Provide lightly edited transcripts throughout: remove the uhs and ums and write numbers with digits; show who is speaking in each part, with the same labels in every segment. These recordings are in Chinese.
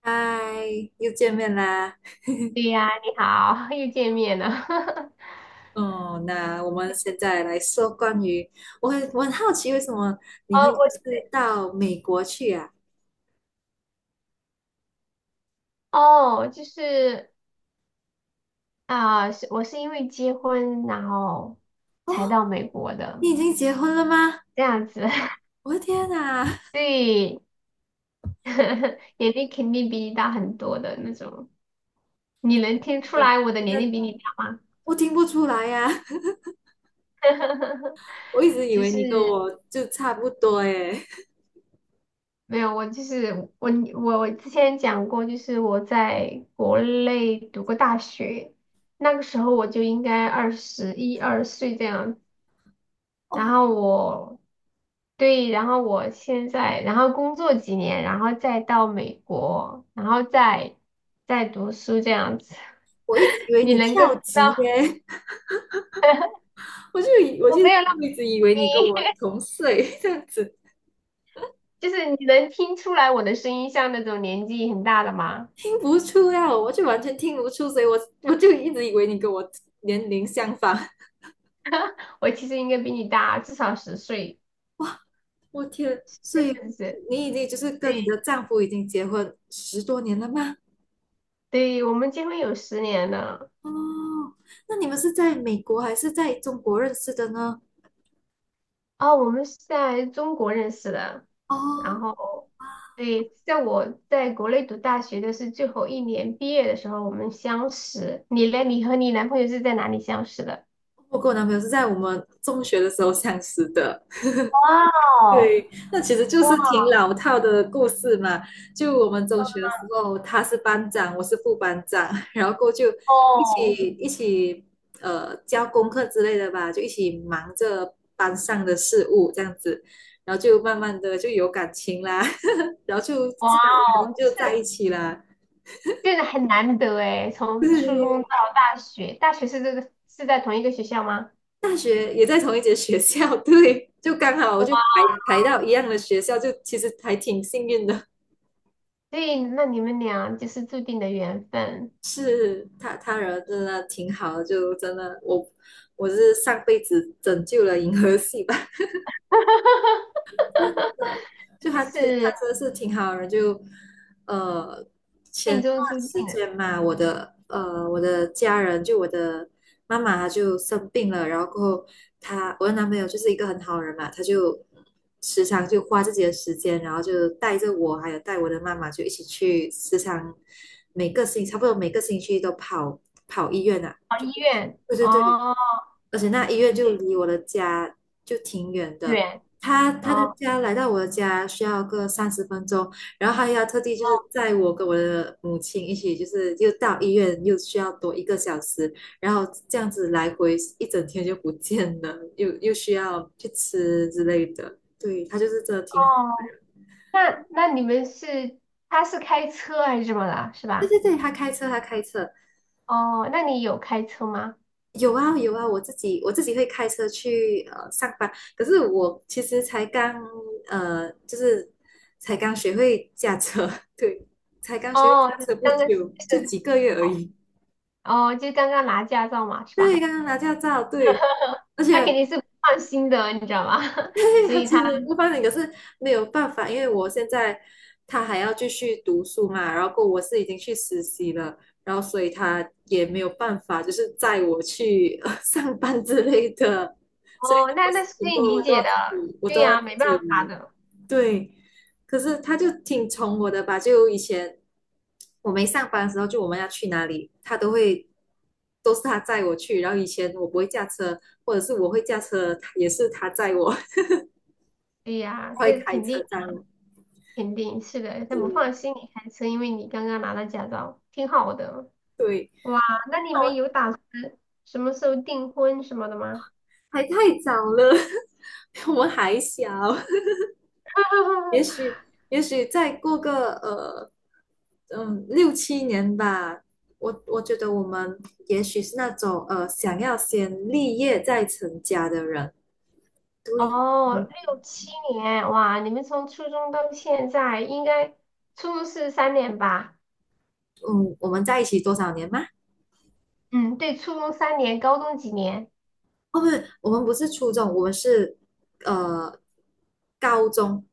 Speaker 1: 嗨，又见面啦。
Speaker 2: 对呀，你好，又见面了。
Speaker 1: 哦，那我们现在来说关于，我很好奇，为什么你
Speaker 2: 哦，
Speaker 1: 会就是到美国去啊？
Speaker 2: 我哦，就是啊，是、我是因为结婚，然后才
Speaker 1: 哦，
Speaker 2: 到美国的，
Speaker 1: 你已经结婚了吗？
Speaker 2: 这样子。
Speaker 1: 我的天哪，
Speaker 2: 对。年龄肯定比你大很多的那种。你能听出
Speaker 1: 那
Speaker 2: 来我的年
Speaker 1: 那
Speaker 2: 龄比你大吗？
Speaker 1: 我听不出来呀、我一直以
Speaker 2: 就
Speaker 1: 为你跟
Speaker 2: 是
Speaker 1: 我就差不多诶。
Speaker 2: 没有，我之前讲过，就是我在国内读过大学，那个时候我就应该二十一二岁这样。然
Speaker 1: 哦，
Speaker 2: 后我对，然后我现在，然后工作几年，然后再到美国，然后再读书这样子。
Speaker 1: 我一直以 为
Speaker 2: 你
Speaker 1: 你
Speaker 2: 能够
Speaker 1: 跳
Speaker 2: 听到
Speaker 1: 级耶，我就以我
Speaker 2: 我
Speaker 1: 就
Speaker 2: 没有那么
Speaker 1: 一直以为你跟我
Speaker 2: 低，
Speaker 1: 同岁 这样子。
Speaker 2: 就是你能听出来我的声音像那种年纪很大的吗？
Speaker 1: 听不出呀，我就完全听不出，所以我就一直以为你跟我年龄相仿。
Speaker 2: 我其实应该比你大至少十岁，
Speaker 1: 我天，所
Speaker 2: 这
Speaker 1: 以
Speaker 2: 样子。
Speaker 1: 你已经就是
Speaker 2: 对，
Speaker 1: 跟你的丈夫已经结婚十多年了吗？
Speaker 2: 对，我们结婚有十年了。
Speaker 1: 哦，那你们是在美国还是在中国认识的呢？
Speaker 2: 哦，我们是在中国认识的。
Speaker 1: 哦，
Speaker 2: 然后，对，在我在国内读大学的是最后一年毕业的时候，我们相识。你嘞？你和你男朋友是在哪里相识的？
Speaker 1: 我跟我男朋友是在我们中学的时候相识的。
Speaker 2: 哇哦，
Speaker 1: 对，那其实就
Speaker 2: 哇
Speaker 1: 是挺老套的故事嘛。就我们中学的时候，他是班长，我是副班长，然后过后就一
Speaker 2: 哦，
Speaker 1: 起一起教功课之类的吧，就一起忙着班上的事务这样子，然后就慢慢的就有感情啦，然后就
Speaker 2: 哇
Speaker 1: 自然而然
Speaker 2: 哦，就
Speaker 1: 就在
Speaker 2: 是
Speaker 1: 一起啦。
Speaker 2: 就是很难得诶，从初中到
Speaker 1: 对，
Speaker 2: 大学，大学是是在同一个学校吗？
Speaker 1: 大学也在同一间学校，对，就刚好我就
Speaker 2: 哇，
Speaker 1: 排排到一样的学校，就其实还挺幸运的。
Speaker 2: 所以那你们俩就是注定的缘分。
Speaker 1: 是他人真的挺好的，就真的我我是上辈子拯救了银河系吧。
Speaker 2: 哈
Speaker 1: 真
Speaker 2: 哈哈，
Speaker 1: 的，就
Speaker 2: 就
Speaker 1: 他其他
Speaker 2: 是
Speaker 1: 真的是挺好的人，就呃
Speaker 2: 命
Speaker 1: 前段
Speaker 2: 中注定
Speaker 1: 时
Speaker 2: 的。
Speaker 1: 间嘛，我的我的家人就我的妈妈她就生病了，然后过后她我的男朋友就是一个很好的人嘛，他就时常就花自己的时间，然后就带着我还有带我的妈妈就一起去时常每个星差不多每个星期都跑医院啊，
Speaker 2: 哦，医院
Speaker 1: 对对对，
Speaker 2: 哦。
Speaker 1: 而且那医院就离我的家就挺远的，
Speaker 2: 远。
Speaker 1: 他的
Speaker 2: 哦
Speaker 1: 家来到我的家需要个三十分钟，然后他要特地就是
Speaker 2: 哦，
Speaker 1: 载我跟我的母亲一起，就是又到医院又需要多一个小时，然后这样子来回一整天就不见了，又需要去吃之类的，对，他就是真的挺。
Speaker 2: 哦，那那你们是他是开车还是怎么了，是
Speaker 1: 对对
Speaker 2: 吧？
Speaker 1: 对，他开车，他开车，
Speaker 2: 哦，那你有开车吗？
Speaker 1: 有啊有啊，我自己会开车去上班，可是我其实才刚就是才刚学会驾车，对，才刚学会
Speaker 2: 哦，
Speaker 1: 驾
Speaker 2: 刚
Speaker 1: 车不
Speaker 2: 刚就
Speaker 1: 久，就
Speaker 2: 是
Speaker 1: 几个月而已，
Speaker 2: 哦，就刚刚拿驾照嘛，是
Speaker 1: 对，
Speaker 2: 吧
Speaker 1: 刚刚拿驾照，对，而
Speaker 2: 他肯
Speaker 1: 且
Speaker 2: 定是不放心的，你知道吗？所
Speaker 1: 他
Speaker 2: 以
Speaker 1: 其
Speaker 2: 他。
Speaker 1: 实不方便，可是没有办法，因为我现在他还要继续读书嘛，然后我是已经去实习了，然后所以他也没有办法，就是载我去上班之类的，所以
Speaker 2: 哦，
Speaker 1: 我
Speaker 2: 那
Speaker 1: 是
Speaker 2: 那是可
Speaker 1: 很
Speaker 2: 以
Speaker 1: 多事情
Speaker 2: 理
Speaker 1: 我都要
Speaker 2: 解的。
Speaker 1: 自己，我
Speaker 2: 对
Speaker 1: 都要
Speaker 2: 呀，没办
Speaker 1: 自己
Speaker 2: 法
Speaker 1: 来。
Speaker 2: 的。
Speaker 1: 对，可是他就挺宠我的吧，就以前我没上班的时候，就我们要去哪里，他都会都是他载我去，然后以前我不会驾车，或者是我会驾车，也是他载我。
Speaker 2: 对呀，
Speaker 1: 会
Speaker 2: 这
Speaker 1: 开
Speaker 2: 肯
Speaker 1: 车
Speaker 2: 定
Speaker 1: 载我。
Speaker 2: 是的，他不
Speaker 1: 嗯，
Speaker 2: 放心你开车，因为你刚刚拿到驾照，挺好的。
Speaker 1: 对，
Speaker 2: 哇，那你们有打算什么时候订婚什么的吗？
Speaker 1: 还太早了，我们还小，也 许也许再过个六七年吧，我觉得我们也许是那种想要先立业再成家的人。对，
Speaker 2: 哦，六七年，哇，你们从初中到现在，应该初中是三年吧？
Speaker 1: 嗯，我们在一起多少年吗？
Speaker 2: 嗯，对，初中三年，高中几年？
Speaker 1: 哦，不是，我们不是初中，我们是呃高中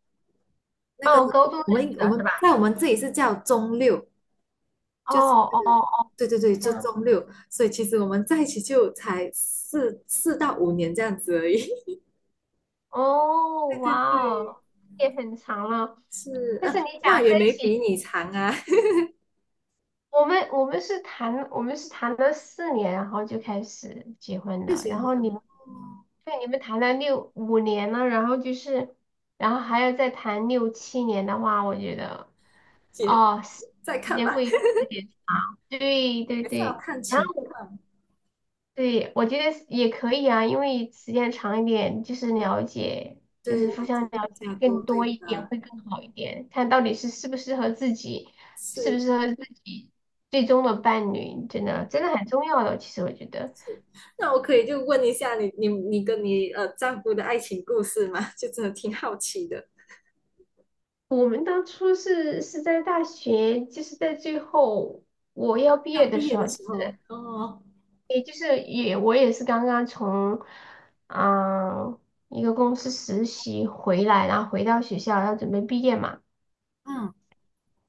Speaker 1: 那个
Speaker 2: 哦，高中认
Speaker 1: 我们
Speaker 2: 识
Speaker 1: 我
Speaker 2: 的是
Speaker 1: 们在
Speaker 2: 吧？
Speaker 1: 我们这里是叫中六，
Speaker 2: 哦
Speaker 1: 就是
Speaker 2: 哦哦，
Speaker 1: 对对对，
Speaker 2: 这
Speaker 1: 就
Speaker 2: 样，
Speaker 1: 周六，所以其实我们在一起就才四到五年这样子而已。
Speaker 2: 哦，哇，
Speaker 1: 对，
Speaker 2: 哦，也很长了。
Speaker 1: 是，
Speaker 2: 但是你
Speaker 1: 那
Speaker 2: 想在
Speaker 1: 也
Speaker 2: 一
Speaker 1: 没
Speaker 2: 起，
Speaker 1: 比你长啊，
Speaker 2: 我们是谈了四年，然后就开始结婚
Speaker 1: 就
Speaker 2: 的，
Speaker 1: 觉得
Speaker 2: 然后你们。对，你们谈了六五年了，然后就是，然后还要再谈六七年的话，我觉得。
Speaker 1: 姐
Speaker 2: 哦，
Speaker 1: 再
Speaker 2: 时
Speaker 1: 看
Speaker 2: 间
Speaker 1: 吧，
Speaker 2: 会有点，对对
Speaker 1: 还是要
Speaker 2: 对，
Speaker 1: 看
Speaker 2: 然
Speaker 1: 情
Speaker 2: 后
Speaker 1: 况，
Speaker 2: 对，我觉得是也可以啊，因为时间长一点，就是了解，就
Speaker 1: 对，
Speaker 2: 是互相了
Speaker 1: 更
Speaker 2: 解
Speaker 1: 加多，
Speaker 2: 更
Speaker 1: 对
Speaker 2: 多一点
Speaker 1: 吧？
Speaker 2: 会更好一点，看到底是适不适合自己，适不
Speaker 1: 是，
Speaker 2: 适合自己最终的伴侣，真的真的很重要的。其实我觉得
Speaker 1: 那我可以就问一下你，你你跟你丈夫的爱情故事吗？就真的挺好奇的。
Speaker 2: 我们当初是在大学，就是在最后我要毕
Speaker 1: 要
Speaker 2: 业的
Speaker 1: 毕
Speaker 2: 时
Speaker 1: 业的
Speaker 2: 候，就
Speaker 1: 时候，
Speaker 2: 是。
Speaker 1: 哦，
Speaker 2: 也就是我也是刚刚从嗯一个公司实习回来，然后回到学校要准备毕业嘛，
Speaker 1: 嗯，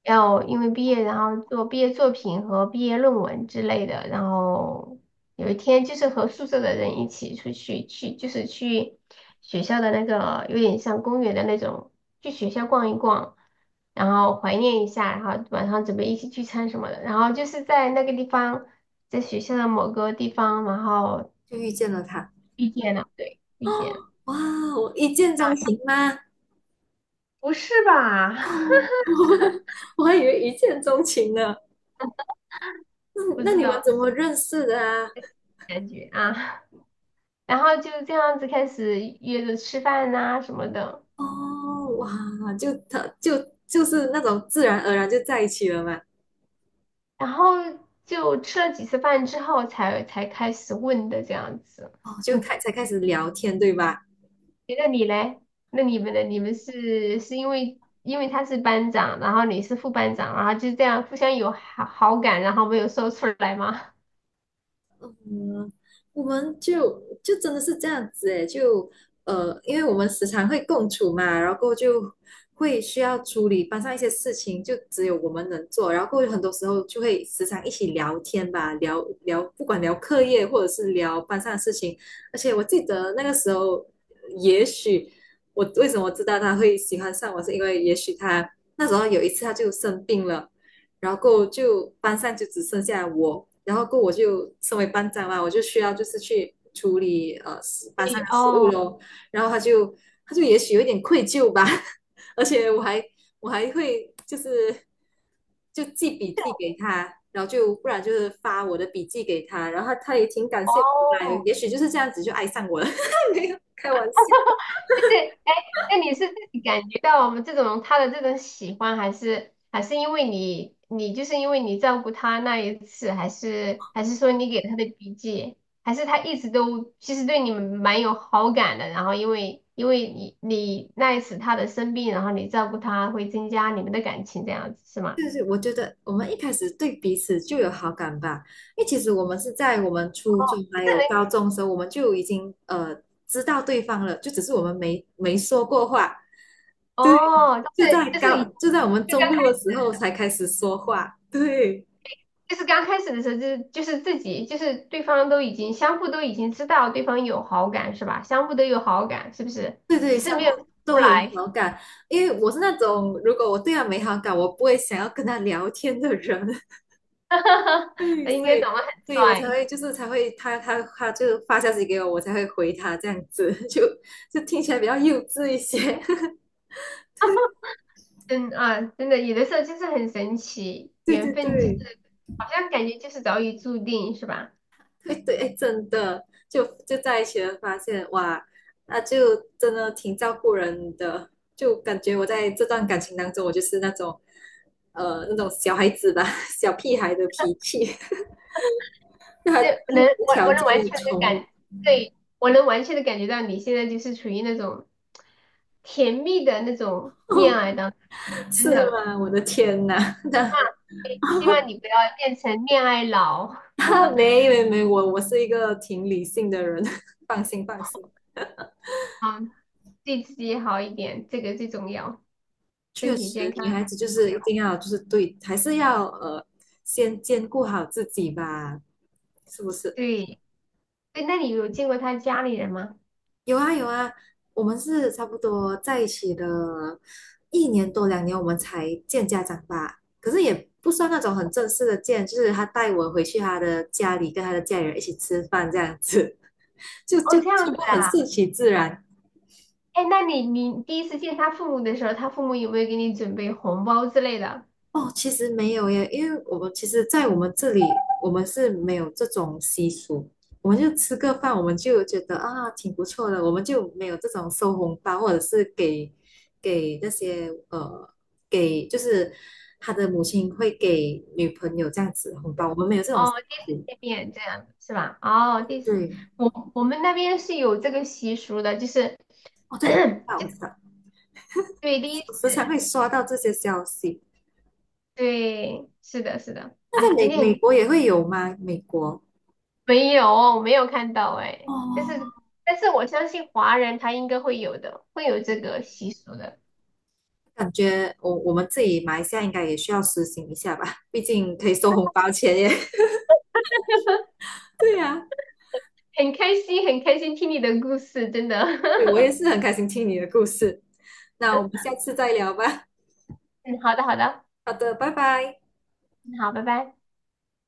Speaker 2: 要因为毕业然后做毕业作品和毕业论文之类的，然后有一天就是和宿舍的人一起出去就是去学校的那个有点像公园的那种，去学校逛一逛。然后怀念一下，然后晚上准备一起聚餐什么的，然后就是在那个地方，在学校的某个地方，然后
Speaker 1: 就遇见了他，
Speaker 2: 遇见了，对，遇见了。
Speaker 1: 哇，我一见钟
Speaker 2: 大雨
Speaker 1: 情吗？
Speaker 2: 不是吧？
Speaker 1: 哦，我还以为一见钟情呢。那
Speaker 2: 不
Speaker 1: 那
Speaker 2: 知
Speaker 1: 你们
Speaker 2: 道
Speaker 1: 怎么认识的啊？
Speaker 2: 感觉啊，然后就这样子开始约着吃饭呐、什么的，
Speaker 1: 哦，哇，就他就就是那种自然而然就在一起了嘛。
Speaker 2: 然后就吃了几次饭之后才开始问的这样子。
Speaker 1: 哦，就
Speaker 2: 嗯，
Speaker 1: 开才开始聊天，对吧？
Speaker 2: 诶那你嘞？那你们呢？你们是因为他是班长，然后你是副班长，然后就这样互相有好感，然后没有说出来吗？
Speaker 1: 嗯，我们就真的是这样子诶，就因为我们时常会共处嘛，然后就会需要处理班上一些事情，就只有我们能做，然后很多时候就会时常一起聊天吧，聊聊不管聊课业或者是聊班上的事情，而且我记得那个时候，也许我为什么知道他会喜欢上我，是因为也许他那时候有一次他就生病了。然后就班上就只剩下我，然后我就身为班长嘛，我就需要就是去处理班上
Speaker 2: 对
Speaker 1: 的事务
Speaker 2: 哦。
Speaker 1: 咯。然后他就也许有一点愧疚吧，而且我还会就是就记笔记 给他，然后就不然就是发我的笔记给他，然后他他也挺感谢我来，
Speaker 2: 哦。
Speaker 1: 也许就是这样子就爱上我了，没有开玩笑。
Speaker 2: 是，哎，那你是自己感觉到我们这种他的这种喜欢，还是因为你就是因为你照顾他那一次，还是说你给他的笔记，还是他一直都其实对你们蛮有好感的，然后因为你那一次他的生病，然后你照顾他，会增加你们的感情这样子是吗？
Speaker 1: 对对，我觉得我们一开始对彼此就有好感吧，因为其实我们是在我们初中还
Speaker 2: 这
Speaker 1: 有
Speaker 2: 人
Speaker 1: 高中的时候，我们就已经知道对方了，就只是我们没说过话，对，
Speaker 2: 哦，就是
Speaker 1: 就在我们
Speaker 2: 就
Speaker 1: 中
Speaker 2: 刚
Speaker 1: 六
Speaker 2: 开
Speaker 1: 的时
Speaker 2: 始。
Speaker 1: 候才开始说话，对
Speaker 2: 就是刚开始的时候，就是自己，就是对方都已经相互都已经知道对方有好感是吧？相互都有好感是不是？
Speaker 1: 对对，
Speaker 2: 只
Speaker 1: 相
Speaker 2: 是没有
Speaker 1: 互
Speaker 2: 出
Speaker 1: 都会有
Speaker 2: 来。
Speaker 1: 好感，因为我是那种如果我对他没好感，我不会想要跟他聊天的人，
Speaker 2: 哈哈，
Speaker 1: 对，
Speaker 2: 那应
Speaker 1: 所
Speaker 2: 该
Speaker 1: 以，
Speaker 2: 长得很
Speaker 1: 所以我才
Speaker 2: 帅。
Speaker 1: 会就是才会他就发消息给我，我才会回他这样子，就听起来比较幼稚一些。
Speaker 2: 嗯啊，真的有的时候就是很神奇，
Speaker 1: 对
Speaker 2: 缘
Speaker 1: 对
Speaker 2: 分就是
Speaker 1: 对
Speaker 2: 好像感觉就是早已注定是吧？
Speaker 1: 对对，哎，真的，就在一起了，发现哇，那就真的挺照顾人的，就感觉我在这段感情当中，我就是那种那种小孩子吧，小屁孩的脾气，他就
Speaker 2: 就能
Speaker 1: 无
Speaker 2: 我
Speaker 1: 条
Speaker 2: 我能
Speaker 1: 件
Speaker 2: 完全
Speaker 1: 的
Speaker 2: 的，
Speaker 1: 宠我，
Speaker 2: 对，我能完全的感觉到你现在就是处于那种甜蜜的那种 恋爱当中。真
Speaker 1: 是
Speaker 2: 的。
Speaker 1: 吗？我的天呐，那。
Speaker 2: 对，希望你不要变成恋爱脑。
Speaker 1: 哈，没没没，我是一个挺理性的人，放心放心。
Speaker 2: 好，对自己好一点，这个最重要。身
Speaker 1: 确
Speaker 2: 体健
Speaker 1: 实，
Speaker 2: 康
Speaker 1: 女孩子就
Speaker 2: 最重
Speaker 1: 是一
Speaker 2: 要。
Speaker 1: 定要就是对，还是要先兼顾好自己吧，是不是？
Speaker 2: 对，对，那你有见过他家里人吗？
Speaker 1: 有啊有啊，我们是差不多在一起的一年多两年，我们才见家长吧。可是也不算那种很正式的见，就是他带我回去他的家里，跟他的家里人一起吃饭这样子，就
Speaker 2: 哦，这样
Speaker 1: 全
Speaker 2: 子
Speaker 1: 部很
Speaker 2: 啊。
Speaker 1: 顺其自然。
Speaker 2: 哎，那你第一次见他父母的时候，他父母有没有给你准备红包之类的？
Speaker 1: 哦，其实没有耶，因为我们其实，在我们这里，我们是没有这种习俗，我们就吃个饭，我们就觉得啊，挺不错的，我们就没有这种收红包，或者是给那些给就是他的母亲会给女朋友这样子红包，我们没有这种习
Speaker 2: 哦，第
Speaker 1: 俗。
Speaker 2: 一次见面这样是吧？哦，第一次，
Speaker 1: 对，
Speaker 2: 我们那边是有这个习俗的，就是
Speaker 1: 哦 对，啊我 知道，
Speaker 2: 对第一
Speaker 1: 我时常
Speaker 2: 次，
Speaker 1: 会刷到这些消息。
Speaker 2: 对，是的，是的。
Speaker 1: 那在
Speaker 2: 哎，今
Speaker 1: 美
Speaker 2: 天很。
Speaker 1: 美国也会有吗？美国？
Speaker 2: 没有，没有看到哎、但是
Speaker 1: 哦，
Speaker 2: 我相信华人他应该会有的，会有这个习俗的。
Speaker 1: 感觉我们自己马来西亚应该也需要实行一下吧，毕竟可以收红包钱耶。对呀、
Speaker 2: 很开心，很开心听你的故事，真的。
Speaker 1: 对我也是很开心听你的故事。那我们下次再聊吧。
Speaker 2: 嗯，好的，好的，
Speaker 1: 好的，拜拜。
Speaker 2: 嗯，好，拜拜。